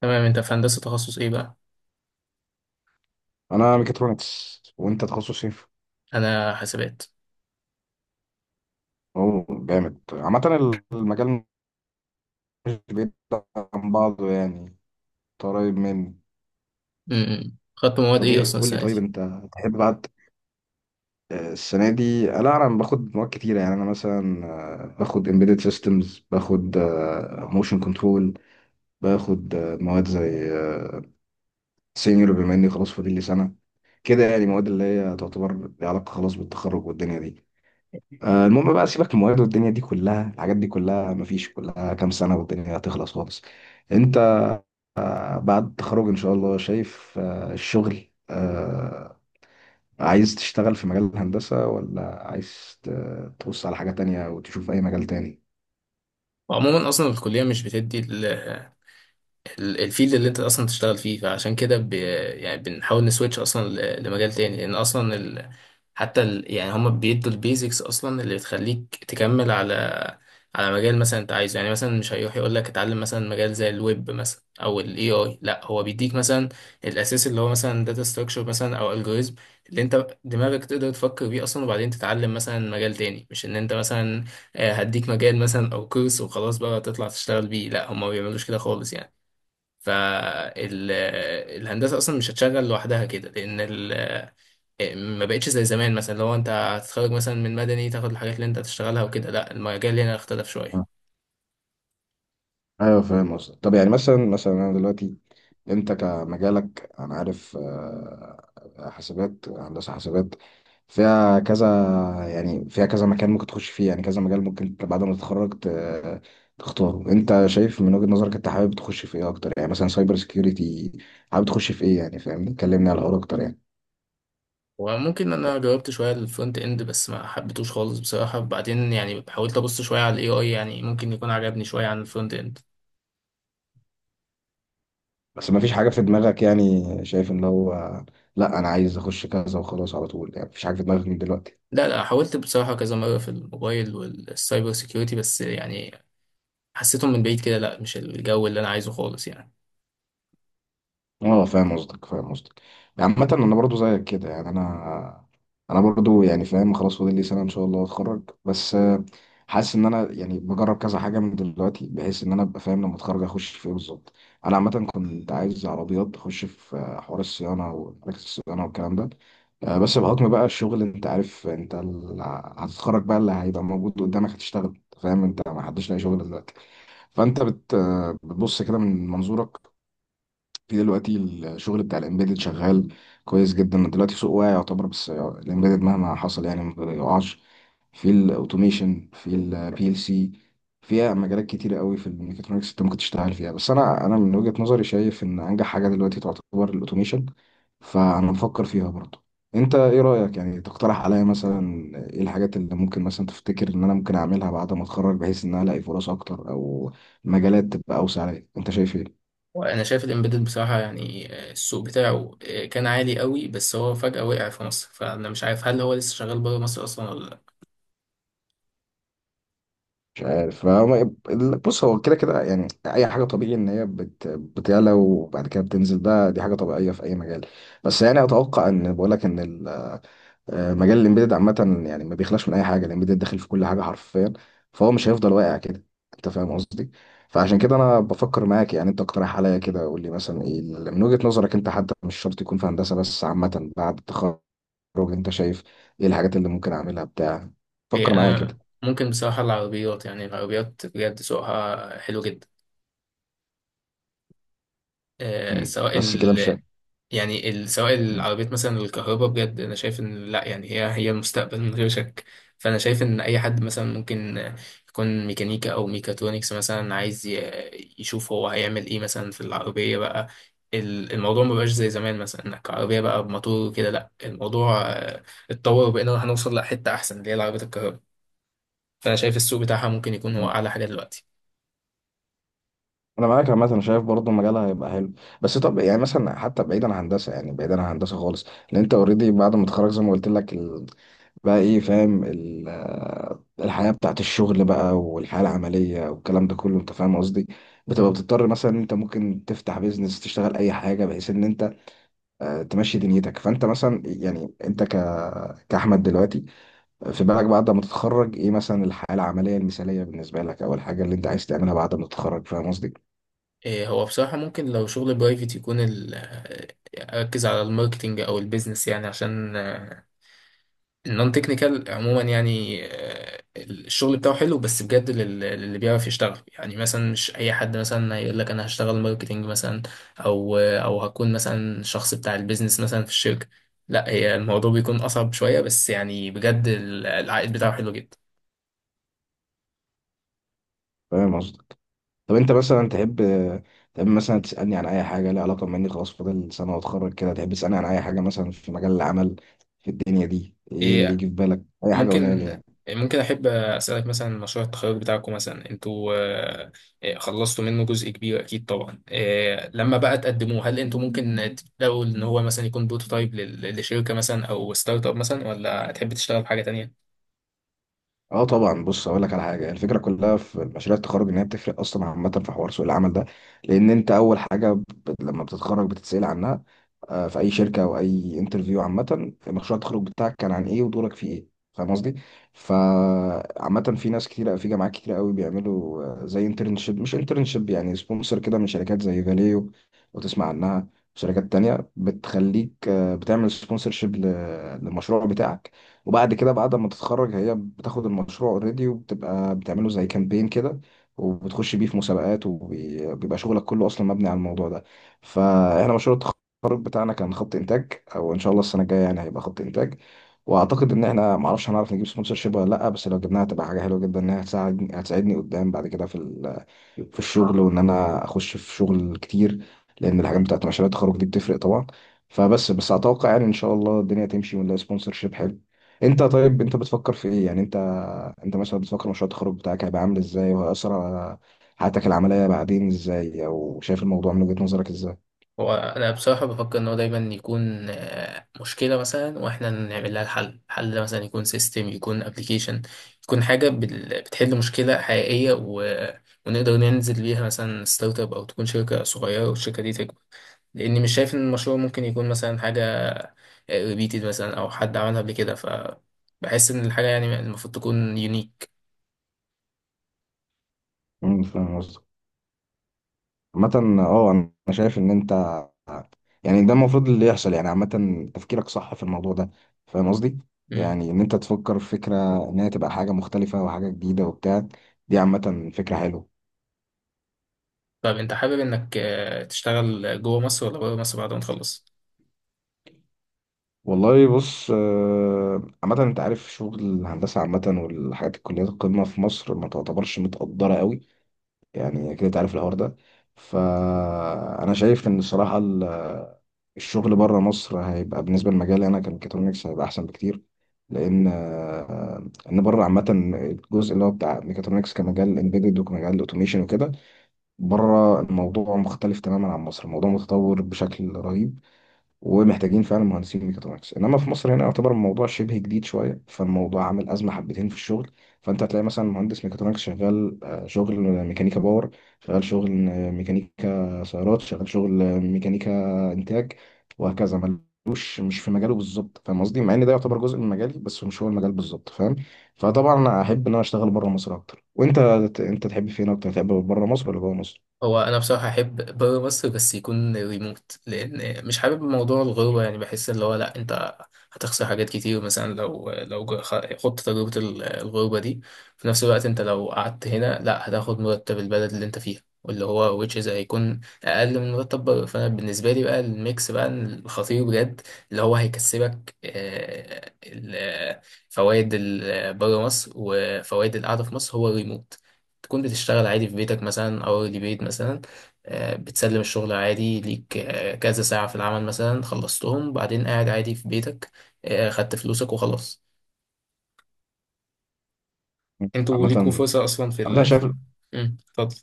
تمام انت في هندسة تخصص ايه بقى؟ انا ميكاترونكس، وانت تخصص ايه؟ انا حاسبات. اوه، جامد. عامة المجال مش بعيد عن بعضه يعني، انت قريب مني. خدت مواد طب ايه ايه، اصلا قول لي، السنة طيب دي؟ انت تحب بقى السنة دي، لا، انا باخد مواد كتيرة يعني، انا مثلا باخد embedded systems، باخد motion control، باخد مواد زي سينيور، بما اني خلاص فاضل لي سنة كده، يعني مواد اللي هي تعتبر ليها علاقة خلاص بالتخرج والدنيا دي. المهم بقى سيبك من المواد والدنيا دي كلها، الحاجات دي كلها مفيش، كلها كام سنة والدنيا هتخلص خالص. انت بعد التخرج ان شاء الله شايف الشغل، عايز تشتغل في مجال الهندسة ولا عايز تبص على حاجة تانية وتشوف اي مجال تاني؟ وعموما اصلا الكلية مش بتدي الفيلد اللي انت اصلا تشتغل فيه، فعشان كده يعني بنحاول نسويتش اصلا لمجال تاني، لان اصلا يعني هما بيدوا البيزكس اصلا اللي بتخليك تكمل على مجال مثلا انت عايزه، يعني مثلا مش هيروح يقول لك اتعلم مثلا مجال زي الويب مثلا او الاي اي، لا هو بيديك مثلا الاساس اللي هو مثلا داتا ستراكشر مثلا او الجوريزم اللي انت دماغك تقدر تفكر بيه اصلا، وبعدين تتعلم مثلا مجال تاني، مش ان انت مثلا هديك مجال مثلا او كورس وخلاص بقى تطلع تشتغل بيه، لا هما ما بيعملوش كده خالص يعني. فالهندسة أصلا مش هتشغل لوحدها كده، لأن ما بقتش زي زمان، مثلا لو أنت هتتخرج مثلا من مدني تاخد الحاجات اللي أنت هتشتغلها وكده، لأ المجال هنا اختلف شوية. ايوه، فاهم قصدك. طب يعني مثلا انا دلوقتي انت كمجالك، انا عارف حاسبات، هندسه حاسبات فيها كذا، يعني فيها كذا مكان ممكن تخش فيه، يعني كذا مجال ممكن بعد ما تتخرج تختاره انت شايف من وجهه نظرك انت حابب تخش في ايه اكتر، يعني مثلا سايبر سكيورتي، حابب تخش في ايه يعني؟ فاهمني، كلمني على الحوار اكتر يعني. وممكن، أنا جربت شوية الفرونت إند بس ما حبيتوش خالص بصراحة، بعدين يعني حاولت أبص شوية على ال AI، يعني ممكن يكون عجبني شوية عن الفرونت إند. بس ما فيش حاجه في دماغك، يعني شايف ان هو لا، انا عايز اخش كذا وخلاص على طول يعني، مفيش حاجه في دماغك من دلوقتي؟ لا لا، حاولت بصراحة كذا مرة في الموبايل والسايبر سيكيورتي، بس يعني حسيتهم من بعيد كده، لا مش الجو اللي أنا عايزه خالص يعني. اه، فاهم قصدك فاهم قصدك. عامة انا برضو زيك كده، يعني انا برضو يعني فاهم، خلاص فاضل لي سنة ان شاء الله اتخرج، بس حاسس ان انا يعني بجرب كذا حاجة من دلوقتي، بحيث ان انا ابقى فاهم لما اتخرج اخش في ايه بالظبط. انا عامة كنت عايز عربيات، اخش في حوار الصيانة ومراكز الصيانة والكلام ده، بس بحكم بقى الشغل، انت عارف انت هتتخرج بقى، اللي هيبقى موجود قدامك هتشتغل، فاهم؟ انت ما حدش لاقي شغل دلوقتي، فانت بت آه، بتبص كده من منظورك في دلوقتي. الشغل بتاع الامبيدد شغال كويس جدا دلوقتي، سوق واعي يعتبر، بس الامبيدد مهما حصل يعني ما بيقعش. في الاوتوميشن، في البي ال سي، فيها مجالات كتيرة قوي في الميكاترونكس انت ممكن تشتغل فيها. بس انا من وجهة نظري شايف ان انجح حاجة دلوقتي تعتبر الاوتوميشن، فانا بفكر فيها برضه. انت ايه رأيك، يعني تقترح عليا مثلا ايه الحاجات اللي ممكن مثلا تفتكر ان انا ممكن اعملها بعد ما اتخرج بحيث ان انا الاقي فرص اكتر، او مجالات تبقى اوسع عليا؟ انت شايف ايه؟ وانا شايف الامبيدد بصراحه، يعني السوق بتاعه كان عالي قوي، بس هو فجاه وقع في مصر، فانا مش عارف هل هو لسه شغال بره مصر اصلا ولا لا. مش عارف، بص، هو كده كده يعني، اي حاجه طبيعي ان هي بتعلى وبعد كده بتنزل، ده دي حاجه طبيعيه في اي مجال. بس يعني اتوقع ان بقول لك ان مجال الامبيدد عامه، يعني ما بيخلاش من اي حاجه، الامبيدد داخل في كل حاجه حرفيا. فهو مش هيفضل واقع كده، انت فاهم قصدي؟ فعشان كده انا بفكر معاك يعني، انت اقترح عليا كده، قول لي مثلا ايه من وجهه نظرك انت، حتى مش شرط يكون في هندسه، بس عامه بعد التخرج، انت شايف ايه الحاجات اللي ممكن اعملها بتاع؟ إيه فكر معايا كده. انا، ممكن بصراحه العربيات، يعني العربيات بجد سوقها حلو جدا، مم. سواء بس كده مش يعني سواء العربيات مثلا الكهرباء، بجد انا شايف ان لا يعني هي المستقبل من غير شك. فانا شايف ان اي حد مثلا ممكن يكون ميكانيكا او ميكاترونكس مثلا، عايز يشوف هو هيعمل ايه مثلا في العربية بقى. الموضوع ما بقاش زي زمان، مثلا انك عربية بقى بموتور كده، لا الموضوع اتطور، وبقينا هنوصل لحتة احسن اللي هي العربيات الكهرباء، فانا شايف السوق بتاعها ممكن يكون هو شايف. اعلى حاجة دلوقتي. انا معاك عامه، انا شايف برضه مجالها هيبقى حلو. بس طب يعني مثلا، حتى بعيدا عن هندسه، يعني بعيدا عن هندسه خالص، لان انت اوريدي بعد ما تتخرج زي ما قلت لك بقى، ايه، فاهم ال... آه، الحياه بتاعت الشغل بقى، والحياه العمليه والكلام ده كله، انت فاهم قصدي؟ بتبقى بتضطر مثلا ان انت ممكن تفتح بيزنس، تشتغل اي حاجه بحيث ان انت تمشي دنيتك. فانت مثلا، يعني انت كاحمد دلوقتي، في بالك بعد ما تتخرج ايه مثلا الحياه العمليه المثاليه بالنسبه لك، او الحاجه اللي انت عايز تعملها بعد ما تتخرج، فاهم قصدي؟ إيه، هو بصراحة ممكن لو شغل برايفت يكون أركز على الماركتينج أو البيزنس، يعني عشان النون تكنيكال عموما، يعني الشغل بتاعه حلو بس بجد للي بيعرف يشتغل، يعني مثلا مش أي حد مثلا هيقول لك أنا هشتغل ماركتينج مثلا، أو هكون مثلا شخص بتاع البيزنس مثلا في الشركة، لا هي الموضوع بيكون أصعب شوية، بس يعني بجد العائد بتاعه حلو جدا. فاهم قصدي؟ طب انت مثلا تحب مثلا تسألني عن اي حاجة ليها علاقة بما اني خلاص فاضل سنة واتخرج كده، تحب تسألني عن اي حاجة مثلا في مجال العمل في الدنيا دي، ايه اللي إيه، يجي في بالك؟ اي حاجة قولها لي ممكن، يعني. احب اسالك مثلا مشروع التخرج بتاعكم، مثلا انتوا خلصتوا منه جزء كبير اكيد طبعا، لما بقى تقدموه هل انتوا ممكن تبداوا ان هو مثلا يكون بروتوتايب لشركه مثلا او ستارت اب مثلا، ولا هتحب تشتغل بحاجه تانية؟ اه، طبعا. بص، اقول لك على حاجه، الفكره كلها في مشاريع التخرج ان هي بتفرق اصلا عامه في حوار سوق العمل ده، لان انت اول حاجه لما بتتخرج بتتسال عنها في اي شركه او اي انترفيو عامه، مشروع التخرج بتاعك كان عن ايه، ودورك فيه ايه؟ فاهم قصدي؟ فعامه في ناس كتير في جامعات كتير قوي بيعملوا زي انترنشيب، مش انترنشيب يعني، سبونسر كده، من شركات زي فاليو وتسمع عنها، شركات تانية بتخليك بتعمل سبونسرشيب للمشروع بتاعك، وبعد كده بعد ما تتخرج هي بتاخد المشروع اوريدي وبتبقى بتعمله زي كامبين كده، وبتخش بيه في مسابقات، وبيبقى شغلك كله اصلا مبني على الموضوع ده. فاحنا مشروع التخرج بتاعنا كان خط انتاج، او ان شاء الله السنه الجايه يعني هيبقى خط انتاج، واعتقد ان احنا معرفش هنعرف نجيب سبونسر شيب ولا لا، بس لو جبناها هتبقى حاجه حلوه جدا، انها هتساعدني قدام بعد كده في الشغل، وان انا اخش في شغل كتير، لان الحاجات بتاعت مشاريع التخرج دي بتفرق طبعا. فبس اتوقع يعني ان شاء الله الدنيا تمشي ونلاقي سبونسر شيب حلو. انت طيب، انت بتفكر في ايه يعني؟ انت مثلا بتفكر مشروع التخرج بتاعك هيبقى عامل ازاي، وهيأثر على حياتك العملية بعدين ازاي، او شايف الموضوع من وجهة نظرك ازاي؟ هو انا بصراحه بفكر ان هو دايما يكون مشكله مثلا واحنا نعمل لها الحل، حل مثلا يكون سيستم، يكون ابلكيشن، يكون حاجه بتحل مشكله حقيقيه، و ونقدر ننزل بيها مثلا ستارت اب، او تكون شركه صغيره والشركه دي تكبر، لاني مش شايف ان المشروع ممكن يكون مثلا حاجه ريبيتد مثلا او حد عملها قبل كده، فبحس ان الحاجه يعني المفروض تكون يونيك. فاهم. عامة، اه، انا شايف ان انت، يعني ده المفروض اللي يحصل يعني، عامة تفكيرك صح في الموضوع ده، فاهم قصدي؟ يعني ان انت تفكر في فكرة ان هي تبقى حاجة مختلفة وحاجة جديدة وبتاع، دي عامة فكرة حلوة. طب انت حابب انك تشتغل جوه مصر ولا بره مصر بعد ما تخلص؟ والله، بص، عامة انت عارف شغل الهندسة عامة، والحاجات، الكليات القمة في مصر ما تعتبرش متقدرة قوي، يعني كده تعرف الحوار ده. فانا شايف ان الصراحه الشغل بره مصر هيبقى بالنسبه لمجالي انا كميكاترونكس، هيبقى احسن بكتير. لان ان بره عامه الجزء اللي هو بتاع ميكاترونكس كمجال امبيدد وكمجال اوتوميشن وكده، بره الموضوع مختلف تماما عن مصر، الموضوع متطور بشكل رهيب، ومحتاجين فعلا مهندسين ميكاترونكس. انما في مصر هنا يعتبر الموضوع شبه جديد شويه، فالموضوع عامل ازمه حبتين في الشغل. فانت هتلاقي مثلا مهندس ميكاترونكس شغال شغل ميكانيكا باور، شغال شغل ميكانيكا سيارات، شغال شغل ميكانيكا انتاج، وهكذا. ملوش، مش في مجاله بالظبط، فاهم قصدي؟ مع ان ده يعتبر جزء من مجالي، بس مش هو المجال بالظبط، فاهم؟ فطبعا انا احب ان انا اشتغل بره مصر اكتر. وانت تحب فين اكتر؟ تحب بره مصر ولا جوه مصر؟ هو انا بصراحه احب بره مصر، بس يكون ريموت، لان مش حابب موضوع الغربه، يعني بحس اللي هو لا، انت هتخسر حاجات كتير مثلا لو خدت تجربه الغربه دي. في نفس الوقت انت لو قعدت هنا، لا هتاخد مرتب البلد اللي انت فيها، واللي هو which is هيكون اقل من مرتب بره، فانا بالنسبه لي بقى الميكس بقى الخطير بجد، اللي هو هيكسبك فوائد بره مصر وفوائد القعده في مصر، هو الريموت. تكون بتشتغل عادي في بيتك مثلا او بيت مثلا، بتسلم الشغل عادي ليك، كذا ساعة في العمل مثلا خلصتهم، بعدين قاعد عادي في بيتك، خدت فلوسك وخلاص. انتوا عامه ليكوا عامة فرصة اصلا في انا ال شايف، في مم، اتفضل.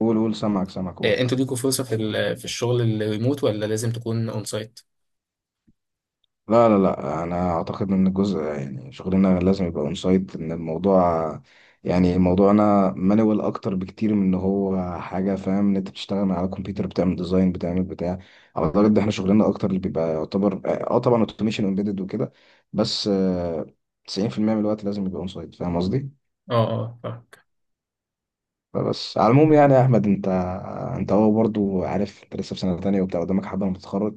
قول قول، سامعك سامعك، قول. انتوا ليكوا فرصة في الشغل الريموت، ولا لازم تكون اون سايت؟ لا، لا، لا، انا اعتقد ان الجزء، يعني شغلنا لازم يبقى اون سايت، ان الموضوع يعني موضوعنا مانوال اكتر بكتير من ان هو حاجه، فاهم ان انت بتشتغل على كمبيوتر بتعمل ديزاين بتعمل بتاع. اعتقد ده احنا شغلنا اكتر اللي بيبقى يعتبر، طبعا اوتوميشن امبيدد وكده، بس 90% من الوقت لازم يبقى اون سايت، فاهم قصدي؟ اه، اه فاهمك. فبس على العموم يعني يا احمد، انت هو برضو عارف انت لسه في سنه تانية وبتاع، قدامك حبه لما تتخرج.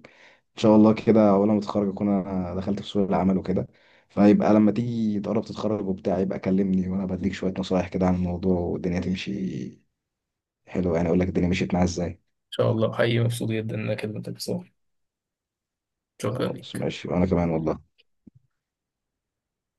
ان شاء الله كده اول ما تتخرج اكون انا دخلت في سوق العمل وكده، فيبقى لما تيجي تقرب تتخرج وبتاع يبقى كلمني، وانا بديك شويه نصايح كده عن الموضوع، والدنيا تمشي حلو يعني، اقول لك الدنيا مشيت معايا ازاي. ان شاء الله، حقيقي مبسوط جدا انك كلمتك بصراحة، شكرا خلاص، ليك. ماشي، وانا كمان والله.